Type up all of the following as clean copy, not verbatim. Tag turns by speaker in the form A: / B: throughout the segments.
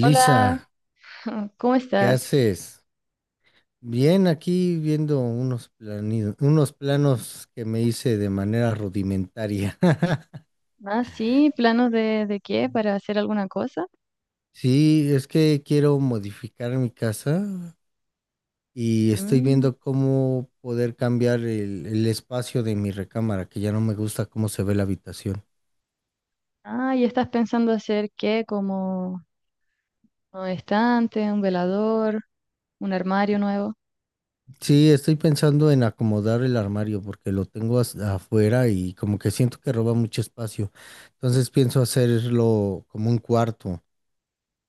A: Hola, ¿cómo
B: ¿qué
A: estás?
B: haces? Bien, aquí viendo unos unos planos que me hice de manera rudimentaria.
A: Ah, sí, ¿planos de qué? ¿Para hacer alguna cosa?
B: Sí, es que quiero modificar mi casa y estoy
A: Mm,
B: viendo cómo poder cambiar el espacio de mi recámara, que ya no me gusta cómo se ve la habitación.
A: ah, ¿y estás pensando hacer qué? ¿Como un estante, un velador, un armario nuevo?
B: Sí, estoy pensando en acomodar el armario porque lo tengo afuera y como que siento que roba mucho espacio. Entonces pienso hacerlo como un cuarto,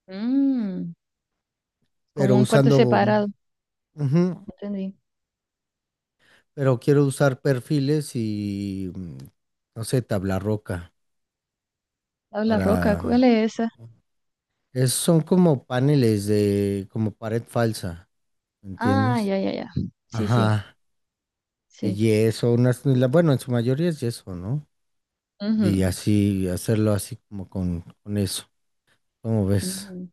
A: Mm, como
B: pero
A: un cuarto
B: usando.
A: separado.
B: Ujú.
A: Entendí.
B: Pero quiero usar perfiles y, no sé, tabla roca
A: Tabla roca, ¿cuál
B: para...
A: es esa?
B: son como paneles de, como pared falsa,
A: Ah,
B: ¿entiendes?
A: ya, ya, ya. Sí, sí,
B: Ajá, de
A: sí.
B: yeso, unas, bueno, en su mayoría es yeso, ¿no?
A: Ujú,
B: Y así, hacerlo así como con eso, ¿cómo ves?
A: ujú.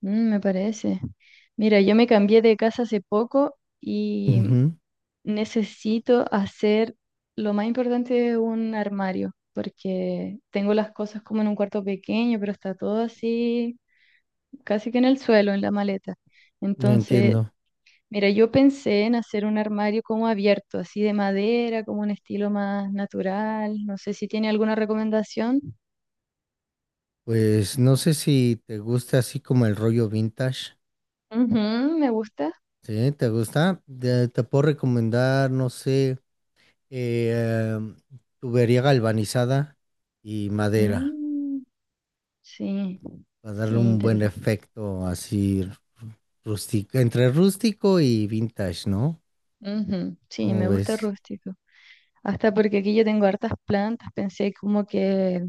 A: Mm, me parece. Mira, yo me cambié de casa hace poco y
B: Ujú.
A: necesito hacer lo más importante de un armario, porque tengo las cosas como en un cuarto pequeño, pero está todo así, casi que en el suelo, en la maleta.
B: No
A: Entonces,
B: entiendo.
A: mira, yo pensé en hacer un armario como abierto, así de madera, como un estilo más natural. No sé si tiene alguna recomendación.
B: Pues no sé si te gusta así como el rollo vintage,
A: Ujú, me gusta.
B: ¿sí? ¿Te gusta? Te puedo recomendar, no sé. eh, em, tubería galvanizada y madera
A: Mm, sí,
B: para
A: sí,
B: darle un buen
A: interesante.
B: efecto así rústico, entre rústico y vintage, ¿no?
A: Ujú, sí,
B: ¿Cómo
A: me gusta
B: ves?
A: rústico. Hasta porque aquí yo tengo hartas plantas, pensé como que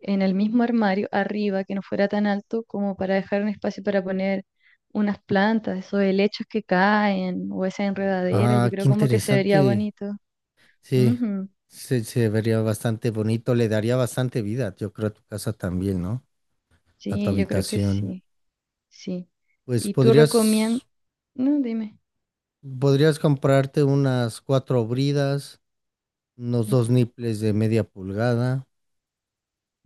A: en el mismo armario, arriba, que no fuera tan alto como para dejar un espacio para poner unas plantas, esos helechos que caen o esas enredaderas, yo
B: Ah,
A: creo
B: qué
A: como que se vería
B: interesante.
A: bonito.
B: Sí,
A: Ujú,
B: se vería bastante bonito, le daría bastante vida, yo creo, a tu casa también, ¿no? A tu
A: sí, yo creo que
B: habitación.
A: sí, sí.
B: Pues
A: ¿Y tú recomiendas?
B: podrías,
A: No, dime.
B: podrías comprarte unas cuatro bridas, unos
A: Ujú,
B: dos niples de media pulgada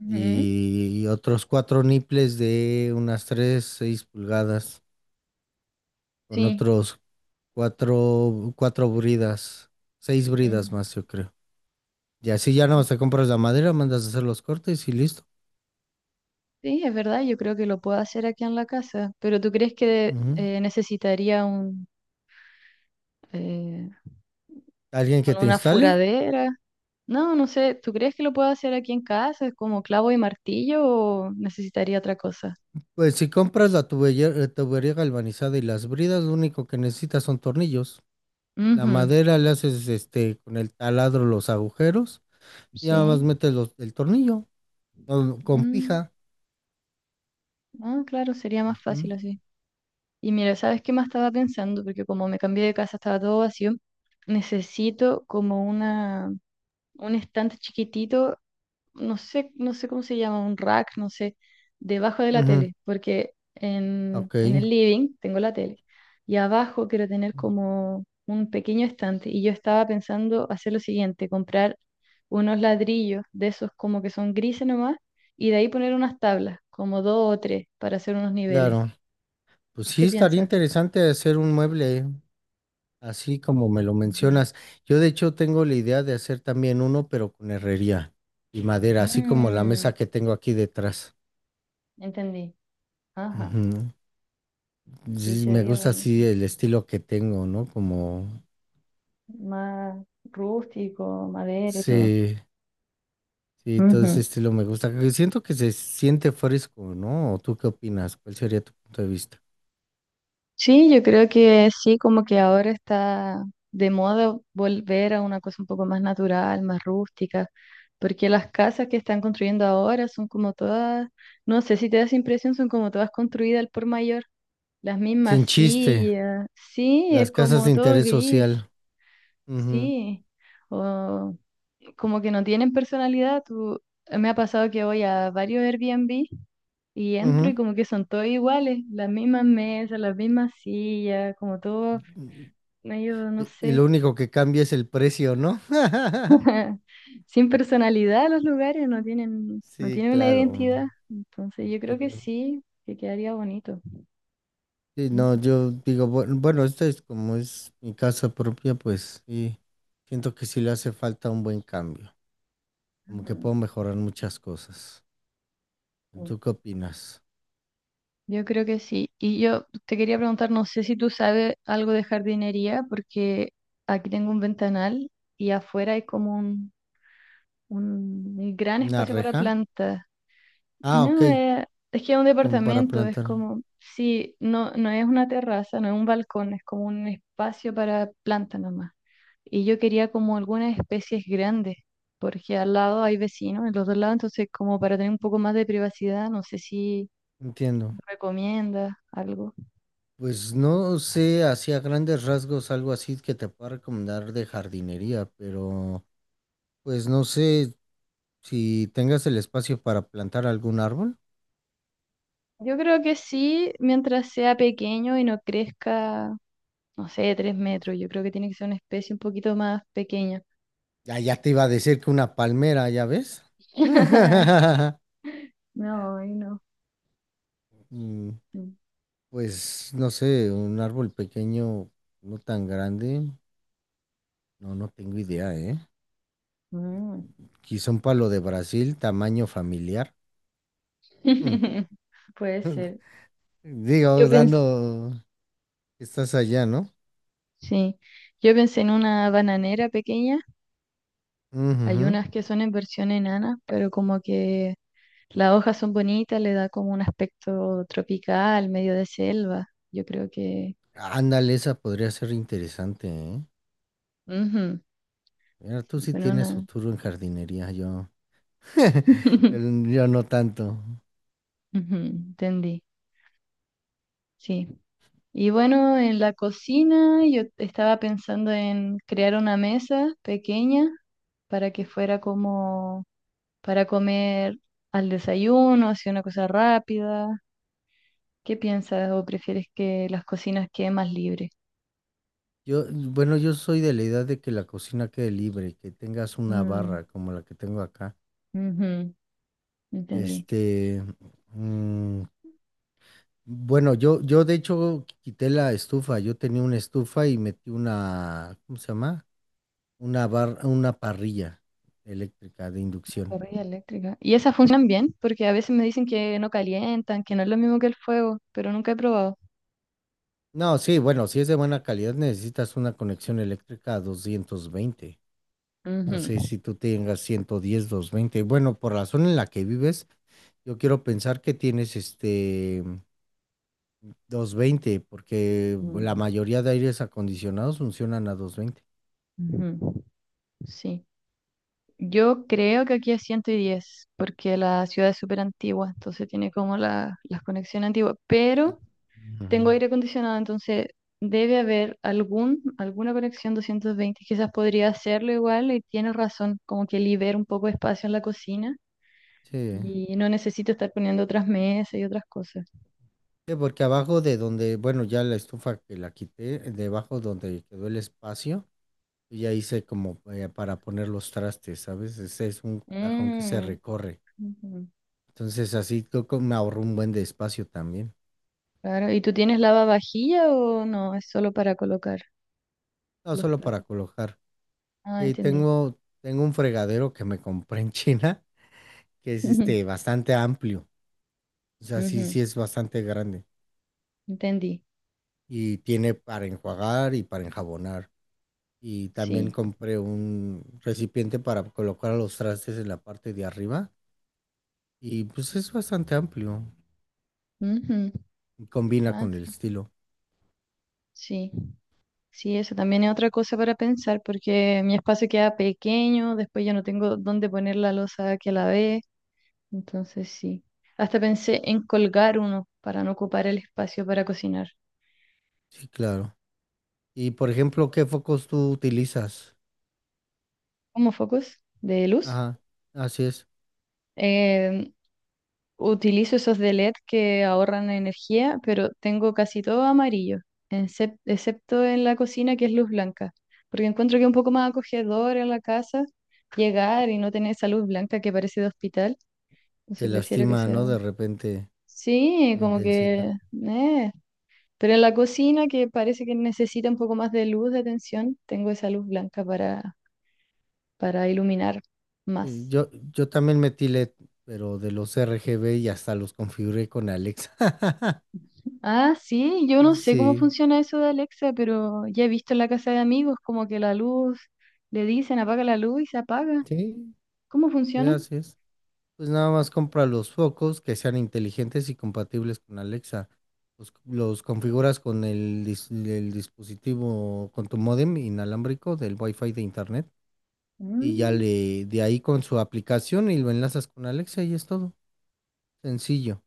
A: ujú.
B: y otros cuatro nipples de unas 3 6 pulgadas, con
A: Sí.
B: otros cuatro bridas, seis
A: Ujú.
B: bridas más, yo creo. Y así ya no te compras la madera, mandas a hacer los cortes y listo.
A: Sí, es verdad, yo creo que lo puedo hacer aquí en la casa, pero ¿tú crees que
B: Ujú.
A: necesitaría un, eh,
B: ¿Alguien que
A: con
B: te
A: una
B: instale?
A: furadera? No, no sé, ¿tú crees que lo puedo hacer aquí en casa? ¿Es como clavo y martillo o necesitaría otra cosa?
B: Pues si compras la tubería, tubería galvanizada y las bridas, lo único que necesitas son tornillos. La
A: Ujú,
B: madera le haces este con el taladro los agujeros y nada
A: sí.
B: más metes el tornillo o con
A: Mm,
B: pija.
A: ah, claro, sería más
B: Ujú.
A: fácil así. Y mira, ¿sabes qué más estaba pensando? Porque como me cambié de casa estaba todo vacío. Necesito como una, un estante chiquitito, no sé, no sé cómo se llama, un rack, no sé, debajo de la
B: Ujú.
A: tele, porque en,
B: Ok.
A: en el living tengo la tele y abajo quiero tener como un pequeño estante y yo estaba pensando hacer lo siguiente: comprar unos ladrillos de esos como que son grises nomás y de ahí poner unas tablas, como dos o tres, para hacer unos niveles.
B: Claro, pues sí,
A: ¿Qué
B: estaría
A: piensas?
B: interesante hacer un mueble, ¿eh?, así como me lo
A: Ujú.
B: mencionas. Yo de hecho tengo la idea de hacer también uno, pero con herrería y madera, así como la
A: Mm,
B: mesa que tengo aquí detrás.
A: entendí. Ajá.
B: Ujú.
A: Sí,
B: Sí, me
A: sería
B: gusta así
A: bonito.
B: el estilo que tengo, ¿no?
A: Más rústico, madera y todo.
B: Sí, sí, todo ese estilo me gusta, que siento que se siente fresco, ¿no? ¿O tú qué opinas? ¿Cuál sería tu punto de vista?
A: Sí, yo creo que sí, como que ahora está de moda volver a una cosa un poco más natural, más rústica, porque las casas que están construyendo ahora son como todas, no sé si te da esa impresión, son como todas construidas al por mayor, las mismas
B: Sin chiste,
A: sillas, sí, es
B: las casas de
A: como todo
B: interés
A: gris,
B: social. Ujú,
A: sí, o como que no tienen personalidad. Tú, me ha pasado que voy a varios Airbnb y entro y como que son todos iguales, las mismas mesas, las mismas sillas, como todo
B: ujú.
A: no, yo no
B: Y
A: sé.
B: lo único que cambia es el precio, ¿no?
A: Sin personalidad, los lugares no tienen, no
B: Sí,
A: tienen una
B: claro.
A: identidad. Entonces yo creo que
B: Entiendo.
A: sí, que quedaría bonito.
B: Sí, no,
A: Ujú,
B: yo digo, bueno, esto es como es mi casa propia, pues sí, siento que sí le hace falta un buen cambio, como que
A: ujú.
B: puedo mejorar muchas cosas.
A: Sí.
B: ¿Tú qué opinas?
A: Yo creo que sí. Y yo te quería preguntar, no sé si tú sabes algo de jardinería, porque aquí tengo un ventanal y afuera hay como un gran
B: ¿Una
A: espacio para
B: reja?
A: plantas.
B: Ah, ok,
A: No, es que es un
B: como para
A: departamento, es
B: plantar,
A: como, sí, no, no es una terraza, no es un balcón, es como un espacio para planta nomás. Y yo quería como algunas especies grandes, porque al lado hay vecinos, en los dos lados, entonces como para tener un poco más de privacidad, no sé si
B: entiendo.
A: recomienda algo.
B: Pues no sé, así a grandes rasgos, algo así que te pueda recomendar de jardinería, pero pues no sé si tengas el espacio para plantar algún árbol.
A: Yo creo que sí, mientras sea pequeño y no crezca, no sé, 3 metros, yo creo que tiene que ser una especie un poquito más pequeña.
B: Ya, ya te iba a decir que una palmera, ¿ya ves?
A: No, ay, no.
B: Mm. Pues no sé, un árbol pequeño, no tan grande. No, no tengo idea, ¿eh?
A: Mm.
B: Quizá un palo de Brasil, tamaño familiar. Mm.
A: Puede ser. Yo
B: Digo,
A: pensé,
B: dando... Estás allá, ¿no?
A: sí, yo pensé en una bananera pequeña. Hay
B: Ujujú.
A: unas que son en versión enana, pero como que las hojas son bonitas, le da como un aspecto tropical, medio de selva. Yo creo que,
B: Ándale, esa podría ser interesante, ¿eh?
A: ujú,
B: Mira, tú
A: sí,
B: sí
A: bueno,
B: tienes
A: una,
B: futuro en jardinería, yo. Yo,
A: ujú,
B: yo no tanto.
A: entendí, sí. Y bueno, en la cocina yo estaba pensando en crear una mesa pequeña para que fuera como para comer al desayuno, así una cosa rápida. ¿Qué piensas o prefieres que las cocinas queden más libres?
B: Yo, bueno, yo soy de la idea de que la cocina quede libre, que tengas una
A: Mm,
B: barra como la que tengo acá.
A: ujú, entendí.
B: Este, mm, bueno, yo de hecho quité la estufa. Yo tenía una estufa y metí una, ¿cómo se llama? Una barra, una parrilla eléctrica de inducción.
A: Parrilla eléctrica. Y esas funcionan bien, porque a veces me dicen que no calientan, que no es lo mismo que el fuego, pero nunca he probado.
B: No, sí, bueno, si es de buena calidad necesitas una conexión eléctrica a 220. No
A: Ujú,
B: sé si tú tengas 110, 220. Bueno, por la zona en la que vives, yo quiero pensar que tienes 220, porque la
A: ujú,
B: mayoría de aires acondicionados funcionan a 220.
A: ujú. Sí. Yo creo que aquí es 110, porque la ciudad es súper antigua, entonces tiene como la, las conexiones antiguas, pero
B: Ujú.
A: tengo aire acondicionado, entonces debe haber algún, alguna conexión 220. Quizás podría hacerlo igual y tienes razón, como que libera un poco de espacio en la cocina
B: Sí.
A: y no necesito estar poniendo otras mesas y otras cosas.
B: Sí, porque abajo de donde, bueno, ya la estufa que la quité, debajo donde quedó el espacio, yo ya hice como para poner los trastes, ¿sabes? Ese es un cajón que se
A: Mm,
B: recorre.
A: ujú,
B: Entonces así creo que me ahorró un buen de espacio también.
A: claro. ¿Y tú tienes lavavajilla o no? Es solo para colocar
B: No
A: los
B: solo para
A: platos.
B: colocar.
A: Ah,
B: Sí,
A: entendí.
B: tengo un fregadero que me compré en China, que es este bastante amplio. O sea, sí,
A: Ujú,
B: sí es bastante grande.
A: entendí.
B: Y tiene para enjuagar y para enjabonar. Y también
A: Sí.
B: compré un recipiente para colocar los trastes en la parte de arriba y pues es bastante amplio
A: Ujú.
B: y combina
A: Ah,
B: con el
A: sí.
B: estilo.
A: Sí. Sí, eso también es otra cosa para pensar, porque mi espacio queda pequeño, después ya no tengo dónde poner la losa que la ve, entonces sí. Hasta pensé en colgar uno para no ocupar el espacio para cocinar.
B: Sí, claro. Y por ejemplo, ¿qué focos tú utilizas?
A: Como focos de luz,
B: Ajá, así es,
A: eh, utilizo esos de LED que ahorran energía, pero tengo casi todo amarillo, excepto en la cocina que es luz blanca, porque encuentro que es un poco más acogedor en la casa llegar y no tener esa luz blanca que parece de hospital.
B: que
A: Entonces prefiero que
B: lastima,
A: sea...
B: ¿no? De repente
A: Sí,
B: la
A: como
B: intensidad.
A: que... eh. Pero en la cocina, que parece que necesita un poco más de luz, de atención, tengo esa luz blanca para iluminar
B: Sí,
A: más.
B: yo también metí LED, pero de los RGB y hasta los configuré con Alexa.
A: Ah, sí, yo no sé cómo
B: Sí,
A: funciona eso de Alexa, pero ya he visto en la casa de amigos como que la luz, le dicen apaga la luz y se apaga.
B: sí,
A: ¿Cómo
B: sí,
A: funciona?
B: así es. Pues nada más compra los focos que sean inteligentes y compatibles con Alexa. Los configuras con el dispositivo, con tu módem inalámbrico del Wi-Fi de internet y ya
A: Mm,
B: le de ahí con su aplicación y lo enlazas con Alexa y es todo. Sencillo.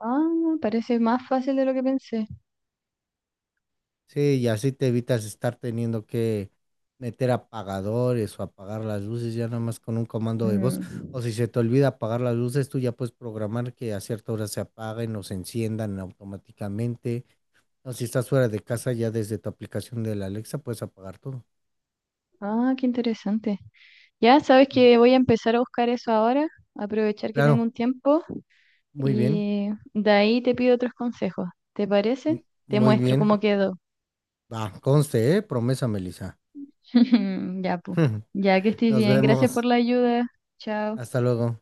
A: ah, parece más fácil de lo que pensé.
B: Sí, y así te evitas estar teniendo que meter apagadores o apagar las luces ya nada más con un comando de voz. O
A: Mm,
B: si se te olvida apagar las luces, tú ya puedes programar que a cierta hora se apaguen o se enciendan automáticamente. O si estás fuera de casa, ya desde tu aplicación de la Alexa puedes apagar todo.
A: ah, qué interesante. Ya sabes
B: Mm.
A: que voy a empezar a buscar eso ahora, aprovechar que tengo
B: Claro,
A: un tiempo.
B: muy bien,
A: Y de ahí te pido otros consejos. ¿Te
B: m-
A: parece? Te
B: muy
A: muestro
B: bien.
A: cómo quedó.
B: Va, conste, ¿eh? Promesa, Melissa.
A: Ya, pues. Ya, que estés
B: Nos
A: bien. Gracias por
B: vemos.
A: la ayuda. Chao.
B: Hasta luego.